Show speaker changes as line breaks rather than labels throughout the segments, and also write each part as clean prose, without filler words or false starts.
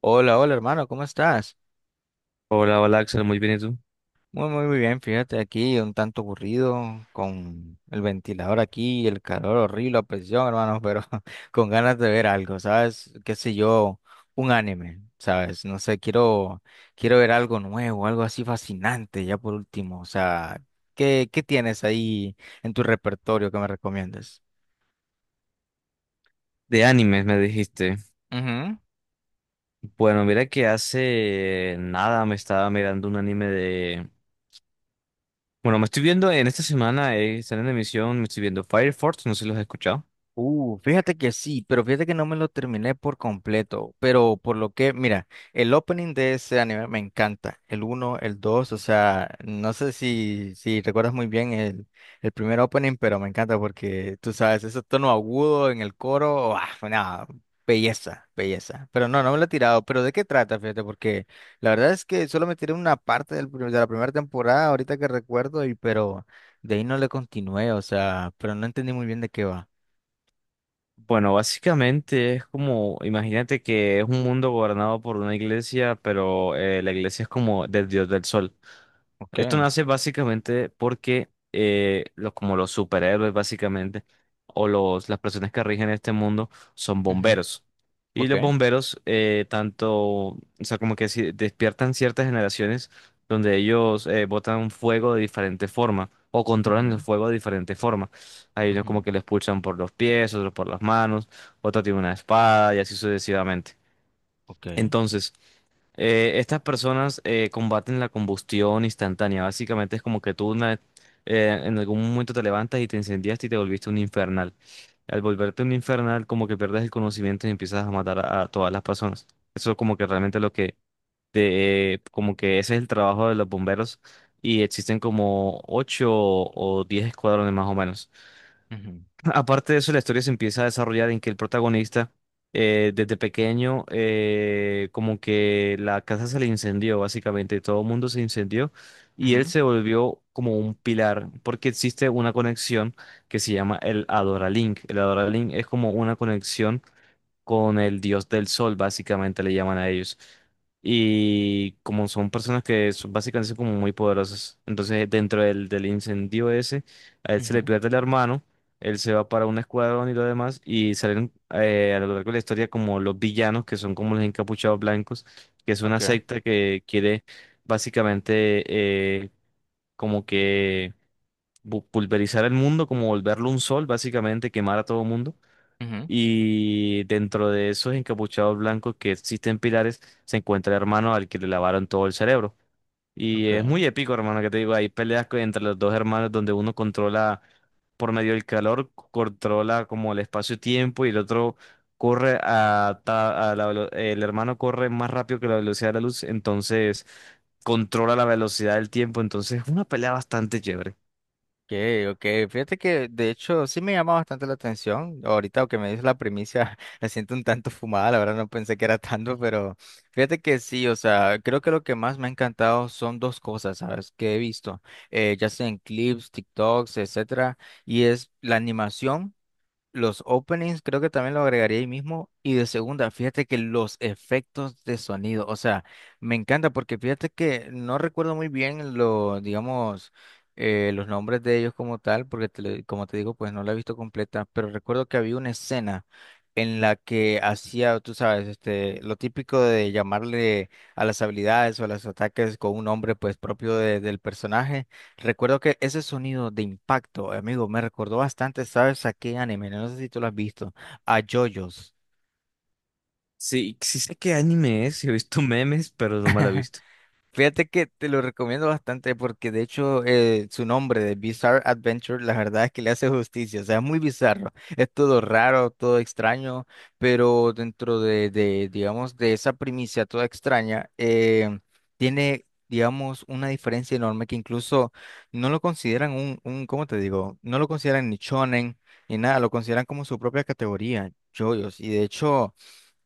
Hola, hola hermano, ¿cómo estás?
Hola, hola Axel, muy bien, ¿y tú?
Muy, muy, muy bien, fíjate aquí, un tanto aburrido, con el ventilador aquí, el calor horrible, la presión, hermano, pero con ganas de ver algo, ¿sabes? ¿Qué sé yo? Un anime, ¿sabes? No sé, quiero ver algo nuevo, algo así fascinante, ya por último, o sea, ¿qué tienes ahí en tu repertorio que me recomiendas?
De animes me dijiste. Bueno, mira que hace nada me estaba mirando un anime. Bueno, me estoy viendo en esta semana, están en emisión, me estoy viendo Fire Force, no sé si los has escuchado.
Fíjate que sí, pero fíjate que no me lo terminé por completo, pero por lo que, mira, el opening de ese anime me encanta, el uno, el 2, o sea, no sé si recuerdas muy bien el primer opening, pero me encanta porque, tú sabes, ese tono agudo en el coro, ah, nada, belleza, belleza, pero no, no me lo he tirado, pero ¿de qué trata? Fíjate, porque la verdad es que solo me tiré una parte de la primera temporada, ahorita que recuerdo, y pero de ahí no le continué, o sea, pero no entendí muy bien de qué va.
Bueno, básicamente es como, imagínate que es un mundo gobernado por una iglesia, pero la iglesia es como del dios del sol. Esto
Okay.
nace básicamente porque como los superhéroes básicamente, o las personas que rigen este mundo son
Ujú.
bomberos. Y los
Okay.
bomberos tanto, o sea, como que despiertan ciertas generaciones donde ellos botan fuego de diferente forma o controlan el
Ujú,
fuego de diferente forma. Hay unos como
ujú.
que lo expulsan por los pies, otros por las manos, otro tiene una espada y así sucesivamente.
Okay.
Entonces, estas personas combaten la combustión instantánea. Básicamente es como que tú en algún momento te levantas y te incendiaste y te volviste un infernal. Al volverte un infernal, como que pierdes el conocimiento y empiezas a matar a todas las personas. Eso es como que realmente lo que como que ese es el trabajo de los bomberos y existen como ocho o diez escuadrones más o menos.
Ujú,
Aparte de eso, la historia se empieza a desarrollar en que el protagonista, desde pequeño, como que la casa se le incendió, básicamente, todo el mundo se incendió y él
ujú,
se volvió como un pilar, porque existe una conexión que se llama el Adoralink. El Adoralink es como una conexión con el dios del sol, básicamente le llaman a ellos. Y como son personas que básicamente son como muy poderosas, entonces dentro del incendio ese, a él se
ujú.
le pierde el hermano, él se va para un escuadrón y lo demás, y salen a lo largo de la historia como los villanos, que son como los encapuchados blancos, que es una
Okay.
secta que quiere básicamente eh, como que pulverizar el mundo, como volverlo un sol, básicamente quemar a todo mundo.
Ujú.
Y dentro de esos encapuchados blancos que existen pilares, se encuentra el hermano al que le lavaron todo el cerebro. Y es muy
Okay.
épico, hermano, que te digo, hay peleas que entre los dos hermanos donde uno controla por medio del calor, controla como el espacio-tiempo y el otro corre a, ta- a la velo- el hermano corre más rápido que la velocidad de la luz, entonces controla la velocidad del tiempo, entonces es una pelea bastante chévere.
Okay. Ok. Fíjate que de hecho sí me llama bastante la atención. Ahorita que me dices la primicia, la siento un tanto fumada, la verdad no pensé que era tanto, pero fíjate que sí, o sea, creo que lo que más me ha encantado son dos cosas, ¿sabes? Que he visto, ya sea en clips, TikToks, etcétera, y es la animación. Los openings creo que también lo agregaría ahí mismo. Y de segunda, fíjate que los efectos de sonido, o sea, me encanta porque fíjate que no recuerdo muy bien lo digamos, los nombres de ellos como tal, porque como te digo, pues no la he visto completa, pero recuerdo que había una escena en la que hacía, tú sabes, este, lo típico de llamarle a las habilidades o a los ataques con un nombre pues propio del personaje. Recuerdo que ese sonido de impacto, amigo, me recordó bastante, ¿sabes? ¿A qué anime, no sé si tú lo has visto? A JoJo's.
Sí, sí sé qué anime es, he visto memes, pero no me la he visto.
Fíjate que te lo recomiendo bastante porque de hecho su nombre de Bizarre Adventure, la verdad es que le hace justicia, o sea, es muy bizarro, es todo raro, todo extraño, pero dentro de, digamos, de esa primicia toda extraña, tiene, digamos, una diferencia enorme que incluso no lo consideran ¿cómo te digo? No lo consideran ni shonen ni nada, lo consideran como su propia categoría, yoyos, y de hecho...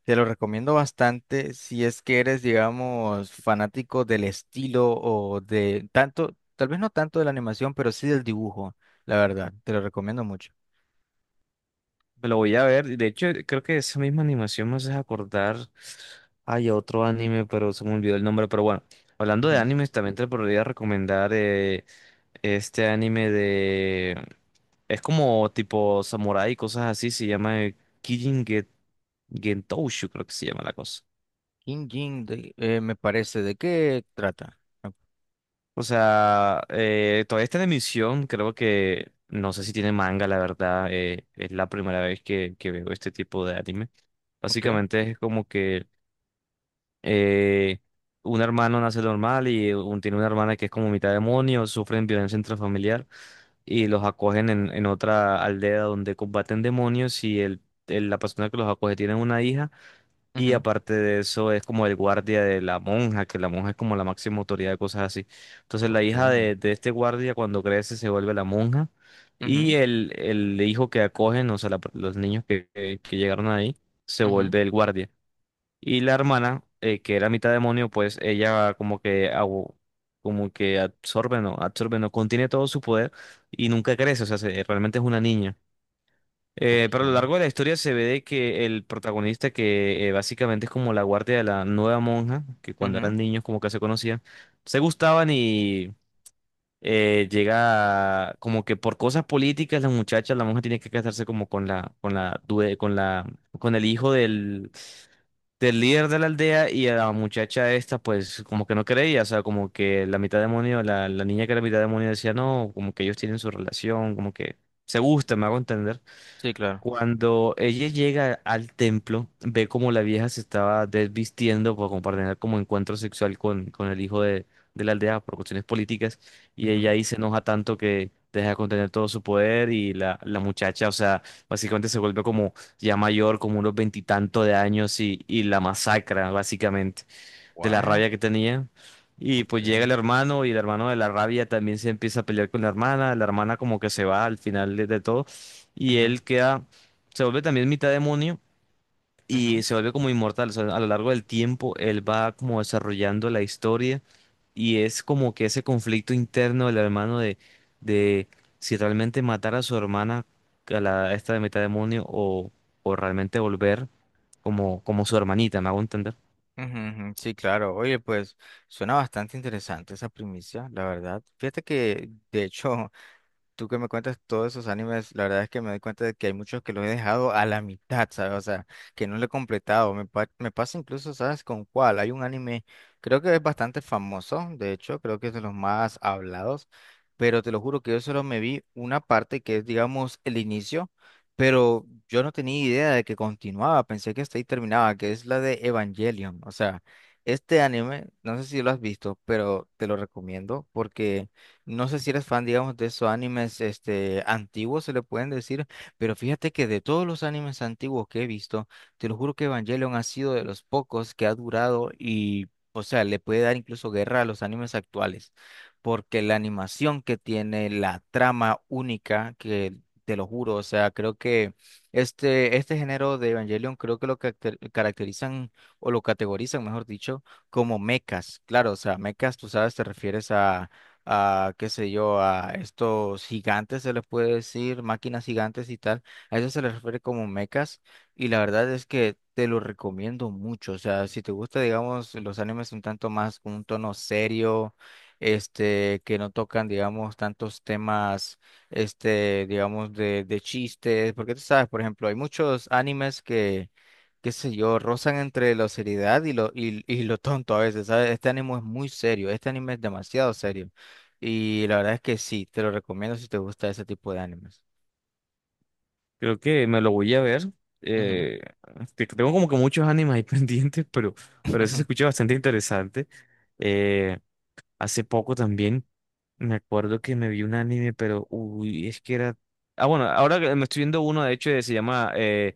Te lo recomiendo bastante si es que eres, digamos, fanático del estilo o de tanto, tal vez no tanto de la animación, pero sí del dibujo, la verdad. Te lo recomiendo mucho.
Me lo voy a ver. De hecho, creo que esa misma animación me hace acordar. Hay otro anime, pero se me olvidó el nombre. Pero bueno, hablando de
Ujú.
animes, también te podría recomendar este anime de. Es como tipo samurai y cosas así. Se llama Kijin Gentoushu, creo que se llama la cosa.
King Jin, me parece, ¿de qué trata? O-
O sea, todavía está en emisión. Creo que. No sé si tiene manga, la verdad. Es la primera vez que veo este tipo de anime.
Ok.
Básicamente es como que. eh, un hermano nace normal y tiene una hermana que es como mitad demonio, sufren violencia intrafamiliar y los acogen en otra aldea donde combaten demonios y la persona que los acoge tiene una hija y
Ujú.
aparte de eso es como el guardia de la monja, que la monja es como la máxima autoridad de cosas así. Entonces la
Ok.
hija de este guardia cuando crece se vuelve la monja y
Ujú,
el hijo que acogen, o sea, los niños que llegaron ahí, se
ujú.
vuelve el guardia. Y la hermana, que era mitad demonio, pues ella como que absorbe, no, contiene todo su poder y nunca crece, o sea, realmente es una niña. Pero a lo
Ok.
largo de la historia se ve de que el protagonista, que básicamente es como la guardia de la nueva monja, que cuando
Ujú.
eran niños como que se conocían, se gustaban como que por cosas políticas la muchacha, la monja tiene que casarse como con la, due- con la, con el hijo del líder de la aldea y a la muchacha esta pues como que no creía, o sea, como que la mitad demonio, la niña que era mitad demonio decía no, como que ellos tienen su relación, como que se gusta, me hago entender.
Sí, claro.
Cuando ella llega al templo, ve como la vieja se estaba desvistiendo para compartir como encuentro sexual con el hijo de la aldea por cuestiones políticas y
Ujú.
ella ahí se enoja tanto que deja de contener todo su poder y la muchacha, o sea, básicamente se vuelve como ya mayor, como unos veintitantos de años y la masacra, básicamente de la
What?
rabia que tenía. Y
Ok.
pues llega el hermano y el hermano de la rabia también se empieza a pelear con la hermana como que se va al final de todo y
Ujú,
él queda, se vuelve también mitad demonio y
ujú,
se vuelve como inmortal. O sea, a lo largo del tiempo él va como desarrollando la historia y es como que ese conflicto interno del hermano de si realmente matar a su hermana, a la, esta de mitad demonio o realmente volver como su hermanita, ¿me hago entender?
ujú, ujú. Sí, claro. Oye, pues suena bastante interesante esa primicia, la verdad. Fíjate que, de hecho, tú que me cuentas todos esos animes, la verdad es que me doy cuenta de que hay muchos que los he dejado a la mitad, ¿sabes? O sea, que no lo he completado. Me pasa incluso, ¿sabes con cuál? Hay un anime, creo que es bastante famoso, de hecho, creo que es de los más hablados, pero te lo juro que yo solo me vi una parte que es, digamos, el inicio, pero yo no tenía idea de que continuaba, pensé que hasta ahí terminaba, que es la de Evangelion. O sea, este anime, no sé si lo has visto, pero te lo recomiendo porque... No sé si eres fan, digamos, de esos animes este, antiguos, se le pueden decir, pero fíjate que de todos los animes antiguos que he visto, te lo juro que Evangelion ha sido de los pocos que ha durado y, o sea, le puede dar incluso guerra a los animes actuales, porque la animación que tiene, la trama única, que te lo juro, o sea, creo que este género de Evangelion creo que lo caracterizan o lo categorizan, mejor dicho, como mechas. Claro, o sea, mechas, tú sabes, te refieres a, qué sé yo, a estos gigantes, se les puede decir, máquinas gigantes y tal. A eso se les refiere como mechas. Y la verdad es que te lo recomiendo mucho. O sea, si te gusta, digamos, los animes un tanto más con un tono serio, este, que no tocan, digamos, tantos temas, este, digamos, de chistes. Porque tú sabes, por ejemplo, hay muchos animes que qué sé yo, rozan entre la seriedad y lo tonto a veces, ¿sabes? Este anime es muy serio, este anime es demasiado serio. Y la verdad es que sí, te lo recomiendo si te gusta ese tipo de animes.
Creo que me lo voy a ver.
Ujú.
Eh, tengo como que muchos animes ahí pendientes, pero eso se escucha bastante interesante. Eh, hace poco también me acuerdo que me vi un anime, pero uy, es que era. Ah, bueno, ahora que me estoy viendo uno, de hecho, que se llama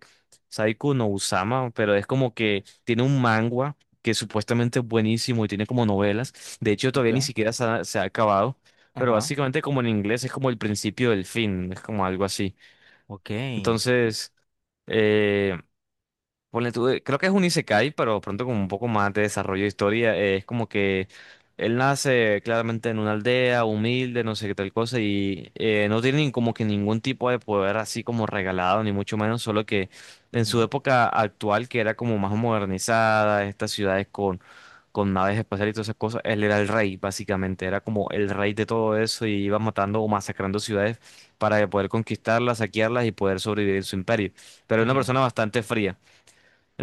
Saiko no Usama, pero es como que tiene un manga que supuestamente es buenísimo y tiene como novelas. De hecho,
Ok.
todavía ni siquiera se ha acabado, pero
Ajá.
básicamente, como en inglés, es como el principio del fin, es como algo así.
Ok.
Entonces, eh, ponle tú, creo que es un isekai, pero pronto con un poco más de desarrollo de historia. Es como que él nace claramente en una aldea humilde, no sé qué tal cosa, y no tiene ni como que ningún tipo de poder así como regalado, ni mucho menos, solo que en su
Ujú,
época actual, que era como más modernizada, estas ciudades con naves espaciales y todas esas cosas, él era el rey, básicamente, era como el rey de todo eso y iba matando o masacrando ciudades para poder conquistarlas, saquearlas y poder sobrevivir en su imperio. Pero era una
ujú.
persona bastante fría.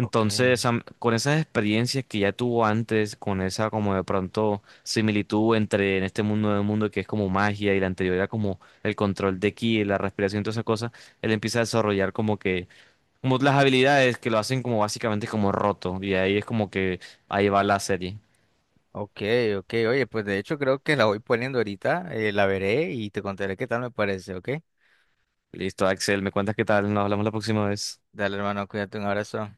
Ok.
con esas experiencias que ya tuvo antes, con esa como de pronto similitud entre en este mundo nuevo mundo que es como magia y la anterior era como el control de ki, la respiración y toda esa cosa, él empieza a desarrollar como que como las habilidades que lo hacen como básicamente como roto y ahí es como que ahí va la serie.
Ok. Ok. Oye, pues de hecho creo que la voy poniendo ahorita, la veré y te contaré qué tal me parece, ¿ok?
Listo, Axel, me cuentas qué tal, nos hablamos la próxima vez.
Dale, hermano, cuídate, un abrazo.